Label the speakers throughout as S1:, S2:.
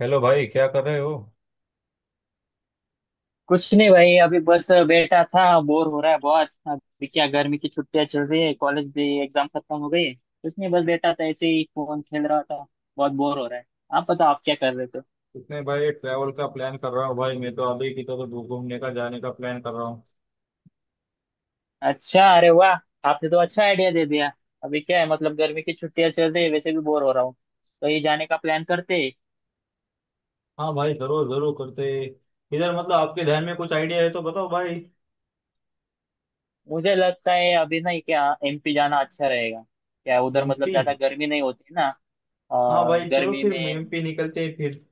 S1: Hello भाई, क्या कर रहे हो?
S2: कुछ नहीं भाई, अभी बस बैठा था। बोर हो रहा है बहुत। अभी क्या, गर्मी की छुट्टियां चल रही है, कॉलेज भी एग्जाम खत्म हो गई है। कुछ नहीं, बस बैठा था ऐसे ही फोन खेल रहा था। बहुत बोर हो रहा है। आप बताओ आप क्या कर रहे थे?
S1: इसमें भाई ट्रैवल का प्लान कर रहा हूँ भाई। मैं तो अभी की तो घूमने का जाने का प्लान कर रहा हूँ।
S2: अच्छा, अरे वाह! आपने तो अच्छा आइडिया दे दिया। अभी क्या है, मतलब गर्मी की छुट्टियां चल रही है, वैसे भी बोर हो रहा हूँ, तो ये जाने का प्लान करते हैं।
S1: हाँ भाई, जरूर जरूर करते हैं। इधर मतलब आपके ध्यान में कुछ आइडिया है तो बताओ भाई।
S2: मुझे लगता है अभी ना क्या, एमपी जाना अच्छा रहेगा। क्या उधर मतलब
S1: एमपी?
S2: ज्यादा गर्मी नहीं होती ना। अ,
S1: हाँ भाई, चलो
S2: गर्मी
S1: फिर
S2: में
S1: एमपी निकलते हैं फिर।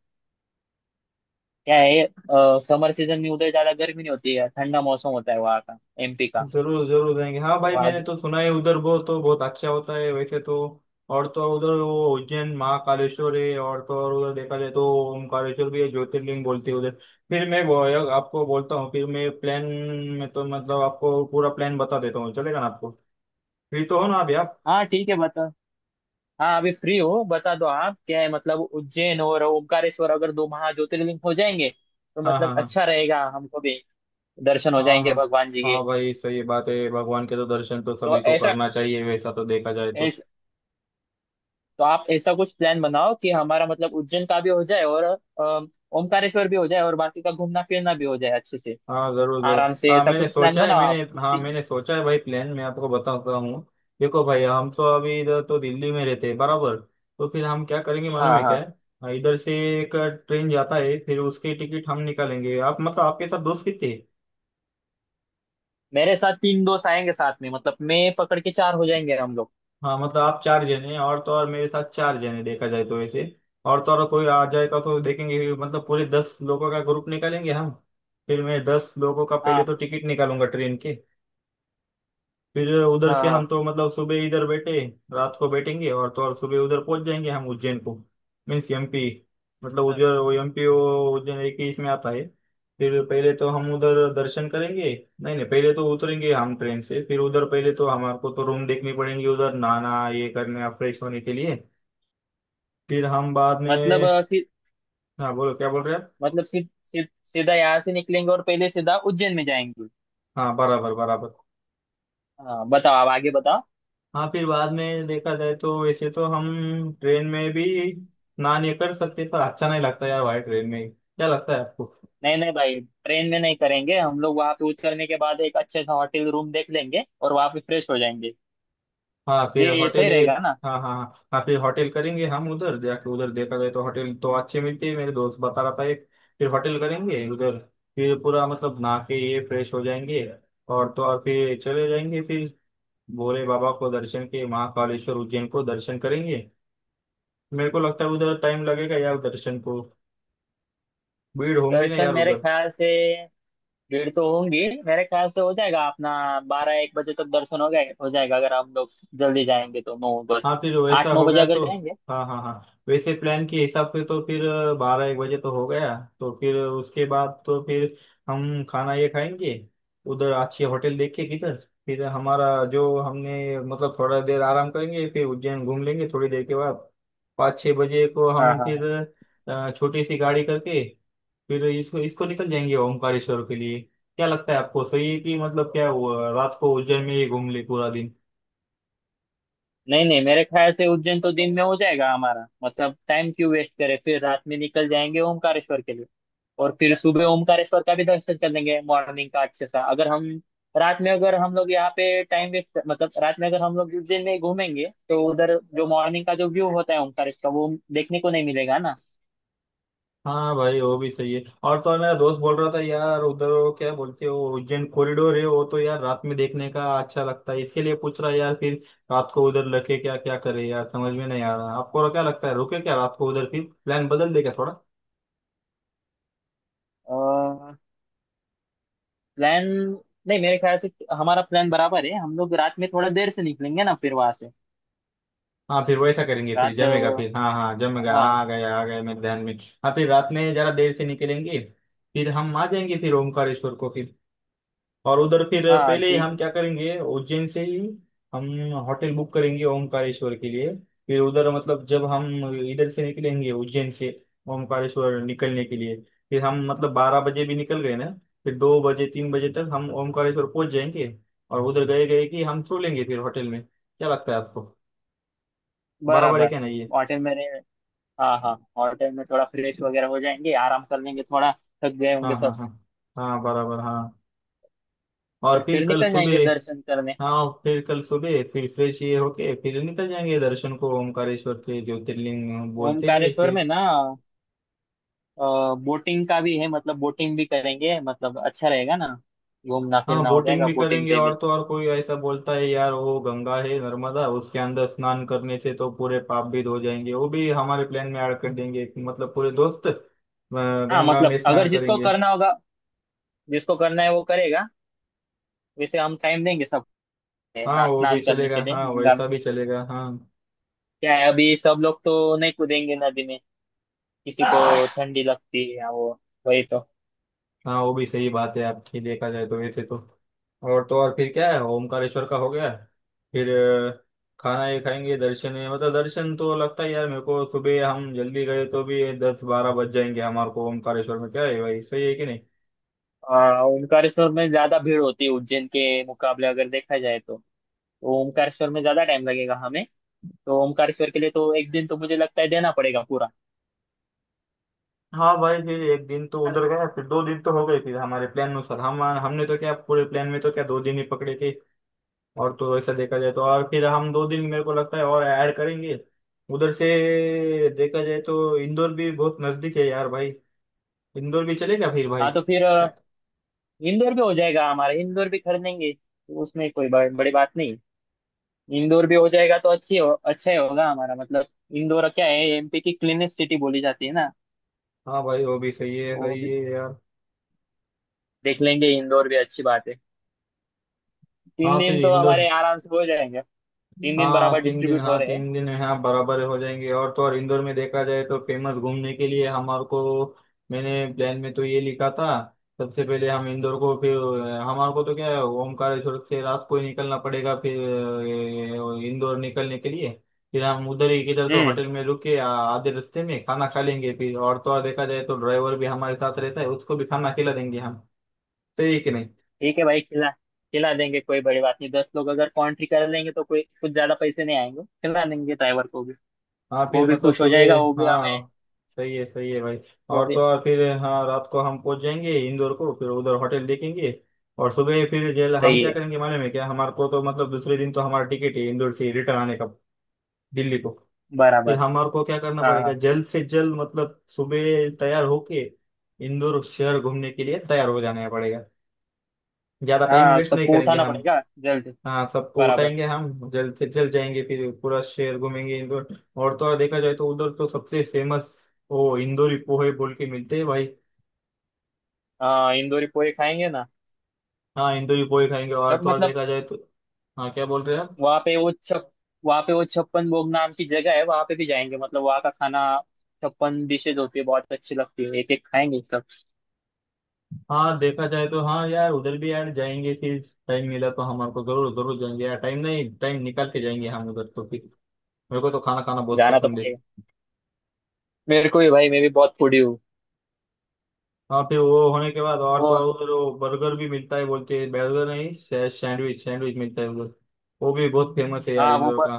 S2: क्या है, समर सीजन में उधर ज्यादा गर्मी नहीं होती है, ठंडा मौसम होता है वहाँ का। एमपी का।
S1: जरूर जरूर जाएंगे। हाँ
S2: तो
S1: भाई, मैंने
S2: आज।
S1: तो सुना है उधर वो तो बहुत अच्छा होता है वैसे तो। और तो और उधर वो उज्जैन महाकालेश्वर है, और तो और उधर देखा जाए तो ओमकारेश्वर भी है, ज्योतिर्लिंग बोलते हैं उधर। फिर मैं वो आपको बोलता हूँ, फिर मैं प्लान में तो मतलब आपको पूरा प्लान बता देता हूँ, चलेगा ना आपको? फ्री तो हो ना अभी आप?
S2: हाँ ठीक है, बता। हाँ अभी फ्री हो, बता दो। आप, क्या है मतलब उज्जैन और ओमकारेश्वर अगर दो महाज्योतिर्लिंग हो जाएंगे तो
S1: हाँ
S2: मतलब
S1: हाँ हाँ।
S2: अच्छा रहेगा हमको भी, दर्शन हो
S1: हाँ
S2: जाएंगे
S1: हाँ।
S2: भगवान जी के।
S1: हाँ भाई, सही बात है, भगवान के तो दर्शन तो
S2: तो
S1: सभी को
S2: ऐसा,
S1: करना चाहिए वैसा तो देखा जाए तो।
S2: ऐस, तो आप ऐसा कुछ प्लान बनाओ कि हमारा मतलब उज्जैन का भी हो जाए और ओमकारेश्वर भी हो जाए और बाकी का घूमना फिरना भी हो जाए अच्छे से।
S1: हाँ जरूर जरूर,
S2: आराम से
S1: हाँ
S2: ऐसा
S1: मैंने
S2: कुछ प्लान
S1: सोचा है
S2: बनाओ
S1: मैंने।
S2: आप।
S1: हाँ
S2: ठीक-
S1: मैंने सोचा है भाई, प्लान मैं आपको बताता हूँ। देखो भाई, हम तो अभी इधर तो दिल्ली में रहते हैं बराबर। तो फिर हम क्या करेंगे मालूम
S2: हाँ
S1: है क्या?
S2: हाँ।
S1: हाँ, इधर से एक ट्रेन जाता है, फिर उसकी टिकट हम निकालेंगे। आप मतलब आपके साथ दोस्त कितने हैं?
S2: मेरे साथ 3 दोस्त आएंगे साथ में, मतलब मैं पकड़ के चार हो जाएंगे हम लोग।
S1: हाँ मतलब आप चार जने हैं, और तो और मेरे साथ चार जने देखा जाए तो वैसे। और तो और कोई आ जाएगा तो देखेंगे, मतलब पूरे 10 लोगों का ग्रुप निकालेंगे हम। फिर मैं 10 लोगों का पहले
S2: हाँ
S1: तो टिकट निकालूंगा ट्रेन के। फिर उधर
S2: हाँ
S1: से हम
S2: हाँ।
S1: तो मतलब सुबह इधर बैठे, रात को बैठेंगे और तो और सुबह उधर पहुंच जाएंगे हम उज्जैन को। Means MP. मतलब
S2: अ,
S1: उधर वो एमपी वो उज्जैन एक ही इसमें आता है। फिर पहले तो हम उधर दर्शन करेंगे। नहीं नहीं, पहले तो उतरेंगे हम ट्रेन से, फिर उधर पहले तो हमारे को तो रूम देखनी पड़ेंगे उधर, नहाना ये करना फ्रेश होने के लिए। फिर हम बाद
S2: मतलब
S1: में। हाँ बोलो, क्या बोल रहे हैं आप?
S2: मतलब सी, सी, सीधा यहाँ से निकलेंगे और पहले सीधा उज्जैन में जाएंगे।
S1: हाँ बराबर बराबर।
S2: हाँ बताओ, आप आगे बताओ।
S1: हाँ फिर बाद में देखा जाए तो वैसे तो हम ट्रेन में भी ना नहीं कर सकते पर अच्छा नहीं लगता यार भाई, ट्रेन में क्या लगता है आपको?
S2: नहीं नहीं भाई, ट्रेन में नहीं करेंगे हम लोग, वहां पे उतरने के बाद एक अच्छे सा होटल रूम देख लेंगे और वहां पे फ्रेश हो जाएंगे।
S1: हाँ फिर
S2: ये
S1: होटल
S2: सही
S1: ये,
S2: रहेगा ना?
S1: हाँ हाँ हाँ हाँ, फिर होटल करेंगे हम उधर जाके, उधर देखा जाए तो होटल तो अच्छे मिलते हैं, मेरे दोस्त बता रहा था एक। फिर होटल करेंगे उधर। फिर पूरा मतलब नहा के ये फ्रेश हो जाएंगे, और तो और फिर चले जाएंगे फिर भोले बाबा को दर्शन के, महाकालेश्वर उज्जैन को दर्शन करेंगे। मेरे को लगता है उधर टाइम लगेगा यार दर्शन को। भीड़ होंगी ना
S2: दर्शन,
S1: यार
S2: मेरे
S1: उधर।
S2: ख्याल से भीड़ तो होंगी, मेरे ख्याल से हो जाएगा अपना, 12-1 बजे तक दर्शन हो गए हो जाएगा अगर हम लोग जल्दी जाएंगे तो नौ बस,
S1: हाँ फिर वैसा
S2: आठ नौ
S1: हो
S2: बजे
S1: गया
S2: अगर
S1: तो।
S2: जाएंगे।
S1: हाँ हाँ हाँ। वैसे प्लान के हिसाब से तो फिर 12-1 बजे तो हो गया, तो फिर उसके बाद तो फिर हम खाना ये खाएंगे उधर अच्छे होटल देख के किधर। फिर हमारा जो हमने मतलब थोड़ा देर आराम करेंगे, फिर उज्जैन घूम लेंगे थोड़ी देर के बाद। 5-6 बजे को
S2: हाँ
S1: हम
S2: हाँ
S1: फिर
S2: हाँ।
S1: छोटी सी गाड़ी करके फिर इसको इसको निकल जाएंगे ओमकारेश्वर के लिए। क्या लगता है आपको, सही है कि मतलब क्या हुआ, रात को उज्जैन में ही घूम ले पूरा दिन?
S2: नहीं नहीं, मेरे ख्याल से उज्जैन तो दिन में हो जाएगा हमारा, मतलब टाइम क्यों वेस्ट करें, फिर रात में निकल जाएंगे ओमकारेश्वर के लिए। और फिर सुबह ओमकारेश्वर का भी दर्शन कर लेंगे मॉर्निंग का अच्छे सा, अगर हम रात में, अगर हम लोग यहाँ पे टाइम वेस्ट, मतलब रात में अगर हम लोग उज्जैन में ही घूमेंगे तो उधर जो मॉर्निंग का जो व्यू होता है ओमकारेश्वर का वो देखने को नहीं मिलेगा।
S1: हाँ भाई, वो भी सही है, और तो और मेरा दोस्त बोल रहा था यार उधर वो क्या बोलते हो उज्जैन कॉरिडोर है वो, तो यार रात में देखने का अच्छा लगता है, इसके लिए पूछ रहा है यार फिर। रात को उधर लगे क्या क्या करे यार, समझ में नहीं आ रहा, आपको क्या लगता है, रुके क्या रात को उधर, फिर प्लान बदल देगा थोड़ा।
S2: ना, प्लान, नहीं मेरे ख्याल से हमारा प्लान बराबर है, हम लोग रात में थोड़ा देर से निकलेंगे ना फिर वहां से।
S1: हाँ फिर वैसा करेंगे फिर
S2: रात
S1: जमेगा फिर, हाँ हाँ जमेगा,
S2: हाँ।
S1: आ गया मेरे ध्यान में। हाँ फिर रात में जरा देर से निकलेंगे, फिर हम आ जाएंगे फिर ओमकारेश्वर को फिर, और उधर फिर
S2: हाँ
S1: पहले ही
S2: ठीक
S1: हम
S2: है।
S1: क्या करेंगे, उज्जैन से ही हम होटल बुक करेंगे ओमकारेश्वर के लिए। फिर उधर मतलब जब हम इधर से निकलेंगे उज्जैन से ओमकारेश्वर निकलने के लिए, फिर हम मतलब 12 बजे भी निकल गए ना, फिर 2 बजे 3 बजे तक हम ओमकारेश्वर पहुंच जाएंगे, और उधर गए गए कि हम सो लेंगे फिर होटल में, क्या लगता है आपको? बराबर है
S2: बराबर।
S1: क्या नहीं ये?
S2: होटल में रहे- हाँ हाँ, होटल में थोड़ा फ्रेश वगैरह हो जाएंगे, आराम कर लेंगे थोड़ा, थक गए होंगे
S1: हाँ हाँ
S2: सब।
S1: हाँ हाँ बराबर हाँ। और
S2: और
S1: फिर
S2: फिर
S1: कल
S2: निकल
S1: सुबह,
S2: जाएंगे दर्शन करने।
S1: हाँ फिर कल सुबह फिर फ्रेश ये होके फिर निकल जाएंगे दर्शन को ओमकारेश्वर के, ज्योतिर्लिंग बोलते हैं
S2: ओमकारेश्वर में
S1: फिर।
S2: ना बोटिंग का भी है, मतलब बोटिंग भी करेंगे, मतलब अच्छा रहेगा ना, घूमना
S1: हाँ
S2: फिरना हो
S1: बोटिंग
S2: जाएगा
S1: भी
S2: बोटिंग
S1: करेंगे,
S2: पे
S1: और
S2: भी।
S1: तो और कोई ऐसा बोलता है यार वो गंगा है नर्मदा, उसके अंदर स्नान करने से तो पूरे पाप भी धो जाएंगे, वो भी हमारे प्लान में ऐड कर देंगे कि मतलब पूरे दोस्त
S2: हाँ
S1: गंगा
S2: मतलब
S1: में स्नान
S2: अगर जिसको
S1: करेंगे।
S2: करना होगा, जिसको करना है वो करेगा। वैसे हम टाइम देंगे सबको, है
S1: हाँ
S2: ना,
S1: वो भी
S2: स्नान करने के
S1: चलेगा,
S2: लिए
S1: हाँ
S2: गंगा में।
S1: वैसा भी चलेगा।
S2: क्या है, अभी सब लोग तो नहीं कूदेंगे नदी में, किसी को
S1: हाँ
S2: ठंडी लगती है या वो, वही तो।
S1: हाँ वो भी सही बात है आपकी, देखा जाए तो वैसे तो। और तो और फिर क्या है, ओमकारेश्वर का हो गया फिर खाना ये खाएंगे, दर्शन है मतलब, दर्शन तो लगता है यार मेरे को सुबह हम जल्दी गए तो भी 10-12 बज जाएंगे हमारे को ओमकारेश्वर में, क्या है भाई सही है कि नहीं?
S2: ओमकारेश्वर में ज्यादा भीड़ होती है उज्जैन के मुकाबले अगर देखा जाए तो ओमकारेश्वर में ज्यादा टाइम लगेगा हमें, तो ओमकारेश्वर के लिए तो एक दिन तो मुझे लगता है देना पड़ेगा पूरा।
S1: हाँ भाई फिर एक दिन तो उधर गया फिर 2 दिन तो हो गए, फिर हमारे प्लान अनुसार हम, हमने तो क्या पूरे प्लान में तो क्या 2 दिन ही पकड़े थे, और तो ऐसा देखा जाए तो और फिर हम 2 दिन मेरे को लगता है और ऐड करेंगे उधर से। देखा जाए तो इंदौर भी बहुत नजदीक है यार भाई, इंदौर भी चलेगा फिर भाई।
S2: हाँ तो फिर इंदौर भी हो जाएगा हमारा, इंदौर भी कर लेंगे तो उसमें कोई बड़ी बात नहीं। इंदौर भी हो जाएगा तो अच्छी हो अच्छा ही होगा हमारा मतलब। इंदौर क्या है, एमपी की क्लीनेस्ट सिटी बोली जाती है ना।
S1: हाँ भाई वो भी सही है,
S2: तो
S1: सही है यार।
S2: देख लेंगे इंदौर भी, अच्छी बात है। तीन
S1: हाँ फिर
S2: दिन तो
S1: इंदौर।
S2: हमारे आराम से हो जाएंगे, 3 दिन
S1: हाँ
S2: बराबर
S1: 3 दिन,
S2: डिस्ट्रीब्यूट हो
S1: हाँ
S2: रहे हैं।
S1: 3 दिन है हाँ, बराबर हो जाएंगे, और तो और इंदौर में देखा जाए तो फेमस घूमने के लिए हमारे को। मैंने प्लान में तो ये लिखा था, सबसे पहले हम इंदौर को फिर, हमारे को तो क्या है ओमकारेश्वर से रात को ही निकलना पड़ेगा फिर इंदौर निकलने के लिए। फिर हम उधर ही किधर तो
S2: हम्म
S1: होटल में रुके, आधे रास्ते में खाना खा लेंगे फिर, और तो और देखा जाए तो ड्राइवर भी हमारे साथ रहता है, उसको भी खाना खिला देंगे हम, सही है कि नहीं?
S2: ठीक है भाई, खिला खिला देंगे, कोई बड़ी बात नहीं, 10 लोग अगर कॉन्ट्री कर लेंगे तो कोई कुछ ज्यादा पैसे नहीं आएंगे, खिला देंगे ड्राइवर को भी,
S1: हाँ
S2: वो
S1: फिर
S2: भी
S1: मतलब
S2: खुश हो जाएगा,
S1: सुबह,
S2: वो भी हमें।
S1: हाँ सही है भाई।
S2: वो
S1: और
S2: भी
S1: तो और फिर हाँ रात को हम पहुंच जाएंगे इंदौर को, फिर उधर होटल देखेंगे। और सुबह फिर जेल हम
S2: सही
S1: क्या
S2: है।
S1: करेंगे मालूम है क्या, हमारे को तो मतलब दूसरे दिन तो हमारा टिकट है इंदौर से रिटर्न आने का दिल्ली को, फिर
S2: बराबर।
S1: हमारे को क्या करना
S2: हाँ
S1: पड़ेगा
S2: हाँ
S1: जल्द से जल्द, मतलब सुबह तैयार होके इंदौर शहर घूमने के लिए तैयार हो जाना पड़ेगा। ज्यादा टाइम
S2: हाँ,
S1: वेस्ट नहीं
S2: सबको
S1: करेंगे
S2: उठाना
S1: हम।
S2: पड़ेगा जल्दी।
S1: हाँ सबको
S2: बराबर।
S1: उठाएंगे हम जल्द से जल्द जाएंगे फिर पूरा शहर घूमेंगे इंदौर। और तो और देखा जाए तो उधर तो सबसे फेमस वो इंदौरी पोहे बोल के मिलते हैं भाई।
S2: हाँ, इंदौरी पोहे खाएंगे ना।
S1: हाँ इंदौरी पोहे खाएंगे, और
S2: सब
S1: तो और
S2: मतलब,
S1: देखा जाए तो। हाँ क्या बोल रहे हैं आप?
S2: वहाँ पे वो छप वहाँ पे वो छप्पन भोग नाम की जगह है, वहाँ पे भी जाएंगे, मतलब वहाँ का खाना, छप्पन डिशेज होती है, बहुत अच्छी लगती है, एक एक खाएंगे सब।
S1: हाँ देखा जाए तो हाँ यार उधर भी यार जाएंगे फिर टाइम मिला तो, हमारे को जरूर जरूर जाएंगे यार, टाइम नहीं टाइम निकाल के जाएंगे हम उधर तो फिर। मेरे को तो खाना खाना बहुत
S2: जाना तो
S1: पसंद है।
S2: पड़ेगा, मेरे को भी भाई, मैं भी बहुत फूडी हूँ।
S1: हाँ फिर वो होने के बाद और
S2: वो,
S1: तो और उधर वो बर्गर भी मिलता है बोलते हैं, बर्गर नहीं सैंडविच सैंडविच मिलता है उधर, वो भी बहुत फेमस है यार
S2: हाँ
S1: इंदौर का।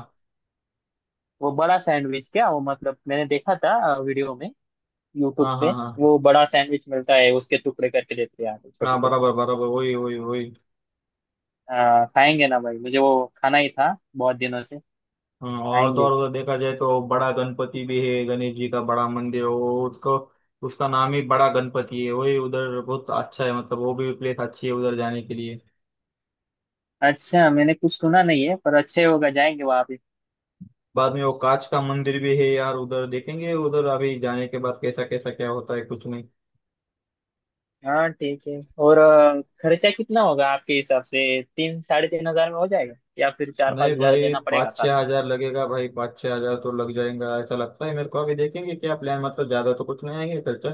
S2: वो बड़ा सैंडविच क्या, वो मतलब मैंने देखा था वीडियो में, यूट्यूब
S1: हाँ हाँ
S2: पे।
S1: हाँ
S2: वो बड़ा सैंडविच मिलता है, उसके टुकड़े करके देते हैं यहाँ पे छोटे
S1: हाँ
S2: छोटे।
S1: बराबर बराबर वही वही वही।
S2: खाएंगे ना भाई, मुझे वो खाना ही था बहुत दिनों से।
S1: हाँ, और तो
S2: खाएंगे।
S1: और उधर देखा जाए तो बड़ा गणपति भी है, गणेश जी का बड़ा मंदिर वो, उसको उसका नाम ही बड़ा गणपति है, वही उधर बहुत अच्छा है, मतलब वो भी प्लेस अच्छी है उधर जाने के लिए।
S2: अच्छा, मैंने कुछ सुना नहीं है पर अच्छे होगा, जाएंगे वहाँ पे।
S1: बाद में वो कांच का मंदिर भी है यार उधर देखेंगे उधर, अभी जाने के बाद कैसा कैसा क्या होता है कुछ नहीं।
S2: हाँ ठीक है। और खर्चा कितना होगा आपके हिसाब से? 3, साढ़े 3 हजार में हो जाएगा या फिर चार पाँच
S1: नहीं
S2: हजार
S1: भाई
S2: देना पड़ेगा
S1: पाँच
S2: साथ
S1: छः
S2: में?
S1: हजार लगेगा भाई, 5-6 हजार तो लग जाएगा ऐसा लगता है मेरे को, अभी देखेंगे क्या प्लान, मतलब ज्यादा तो कुछ नहीं आएंगे खर्चा।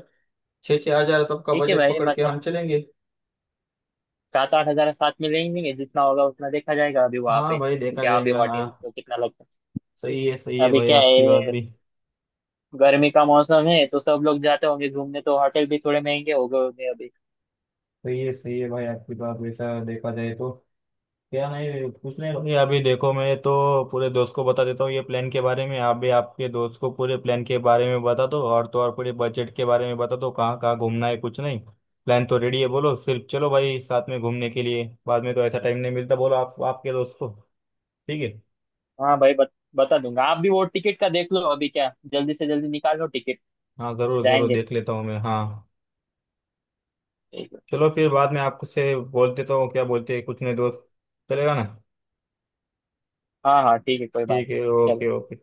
S1: छः छः हजार सबका
S2: ठीक है
S1: बजट
S2: भाई,
S1: पकड़ के
S2: मतलब
S1: हम चलेंगे।
S2: 7-8 हजार साथ में लेंगे, जितना होगा उतना देखा जाएगा अभी वहाँ
S1: हाँ
S2: पे।
S1: भाई देखा
S2: क्या, अभी
S1: जाएगा हाँ।
S2: होटल तो कितना लगता
S1: सही
S2: है
S1: है
S2: अभी,
S1: भाई
S2: क्या
S1: आपकी बात
S2: है,
S1: भी
S2: गर्मी का मौसम है तो सब लोग जाते होंगे घूमने, तो होटल भी थोड़े महंगे हो गए होंगे अभी।
S1: सही है, सही है भाई आपकी बात, वैसा देखा जाए तो क्या, नहीं कुछ नहीं भाई, अभी देखो मैं तो पूरे दोस्त को बता देता हूँ ये प्लान के बारे में, आप भी आपके दोस्त को पूरे प्लान के बारे में बता दो, और तो और पूरे बजट के बारे में बता दो, कहाँ कहाँ घूमना है कुछ नहीं। प्लान तो रेडी है, बोलो सिर्फ चलो भाई साथ में घूमने के लिए, बाद में तो ऐसा टाइम नहीं मिलता, बोलो आप आपके दोस्त को। ठीक है?
S2: हाँ भाई, बता दूंगा, आप भी वो टिकट का देख लो अभी क्या, जल्दी से जल्दी निकाल लो टिकट,
S1: हाँ ज़रूर ज़रूर
S2: जाएंगे।
S1: देख लेता हूँ मैं, हाँ।
S2: ठीक है।
S1: चलो फिर बाद में आपसे बोल देता हूँ क्या बोलते हैं कुछ नहीं दोस्त, चलेगा ना?
S2: हाँ हाँ ठीक है, कोई बात
S1: ठीक है।
S2: नहीं। चलो।
S1: Okay okay.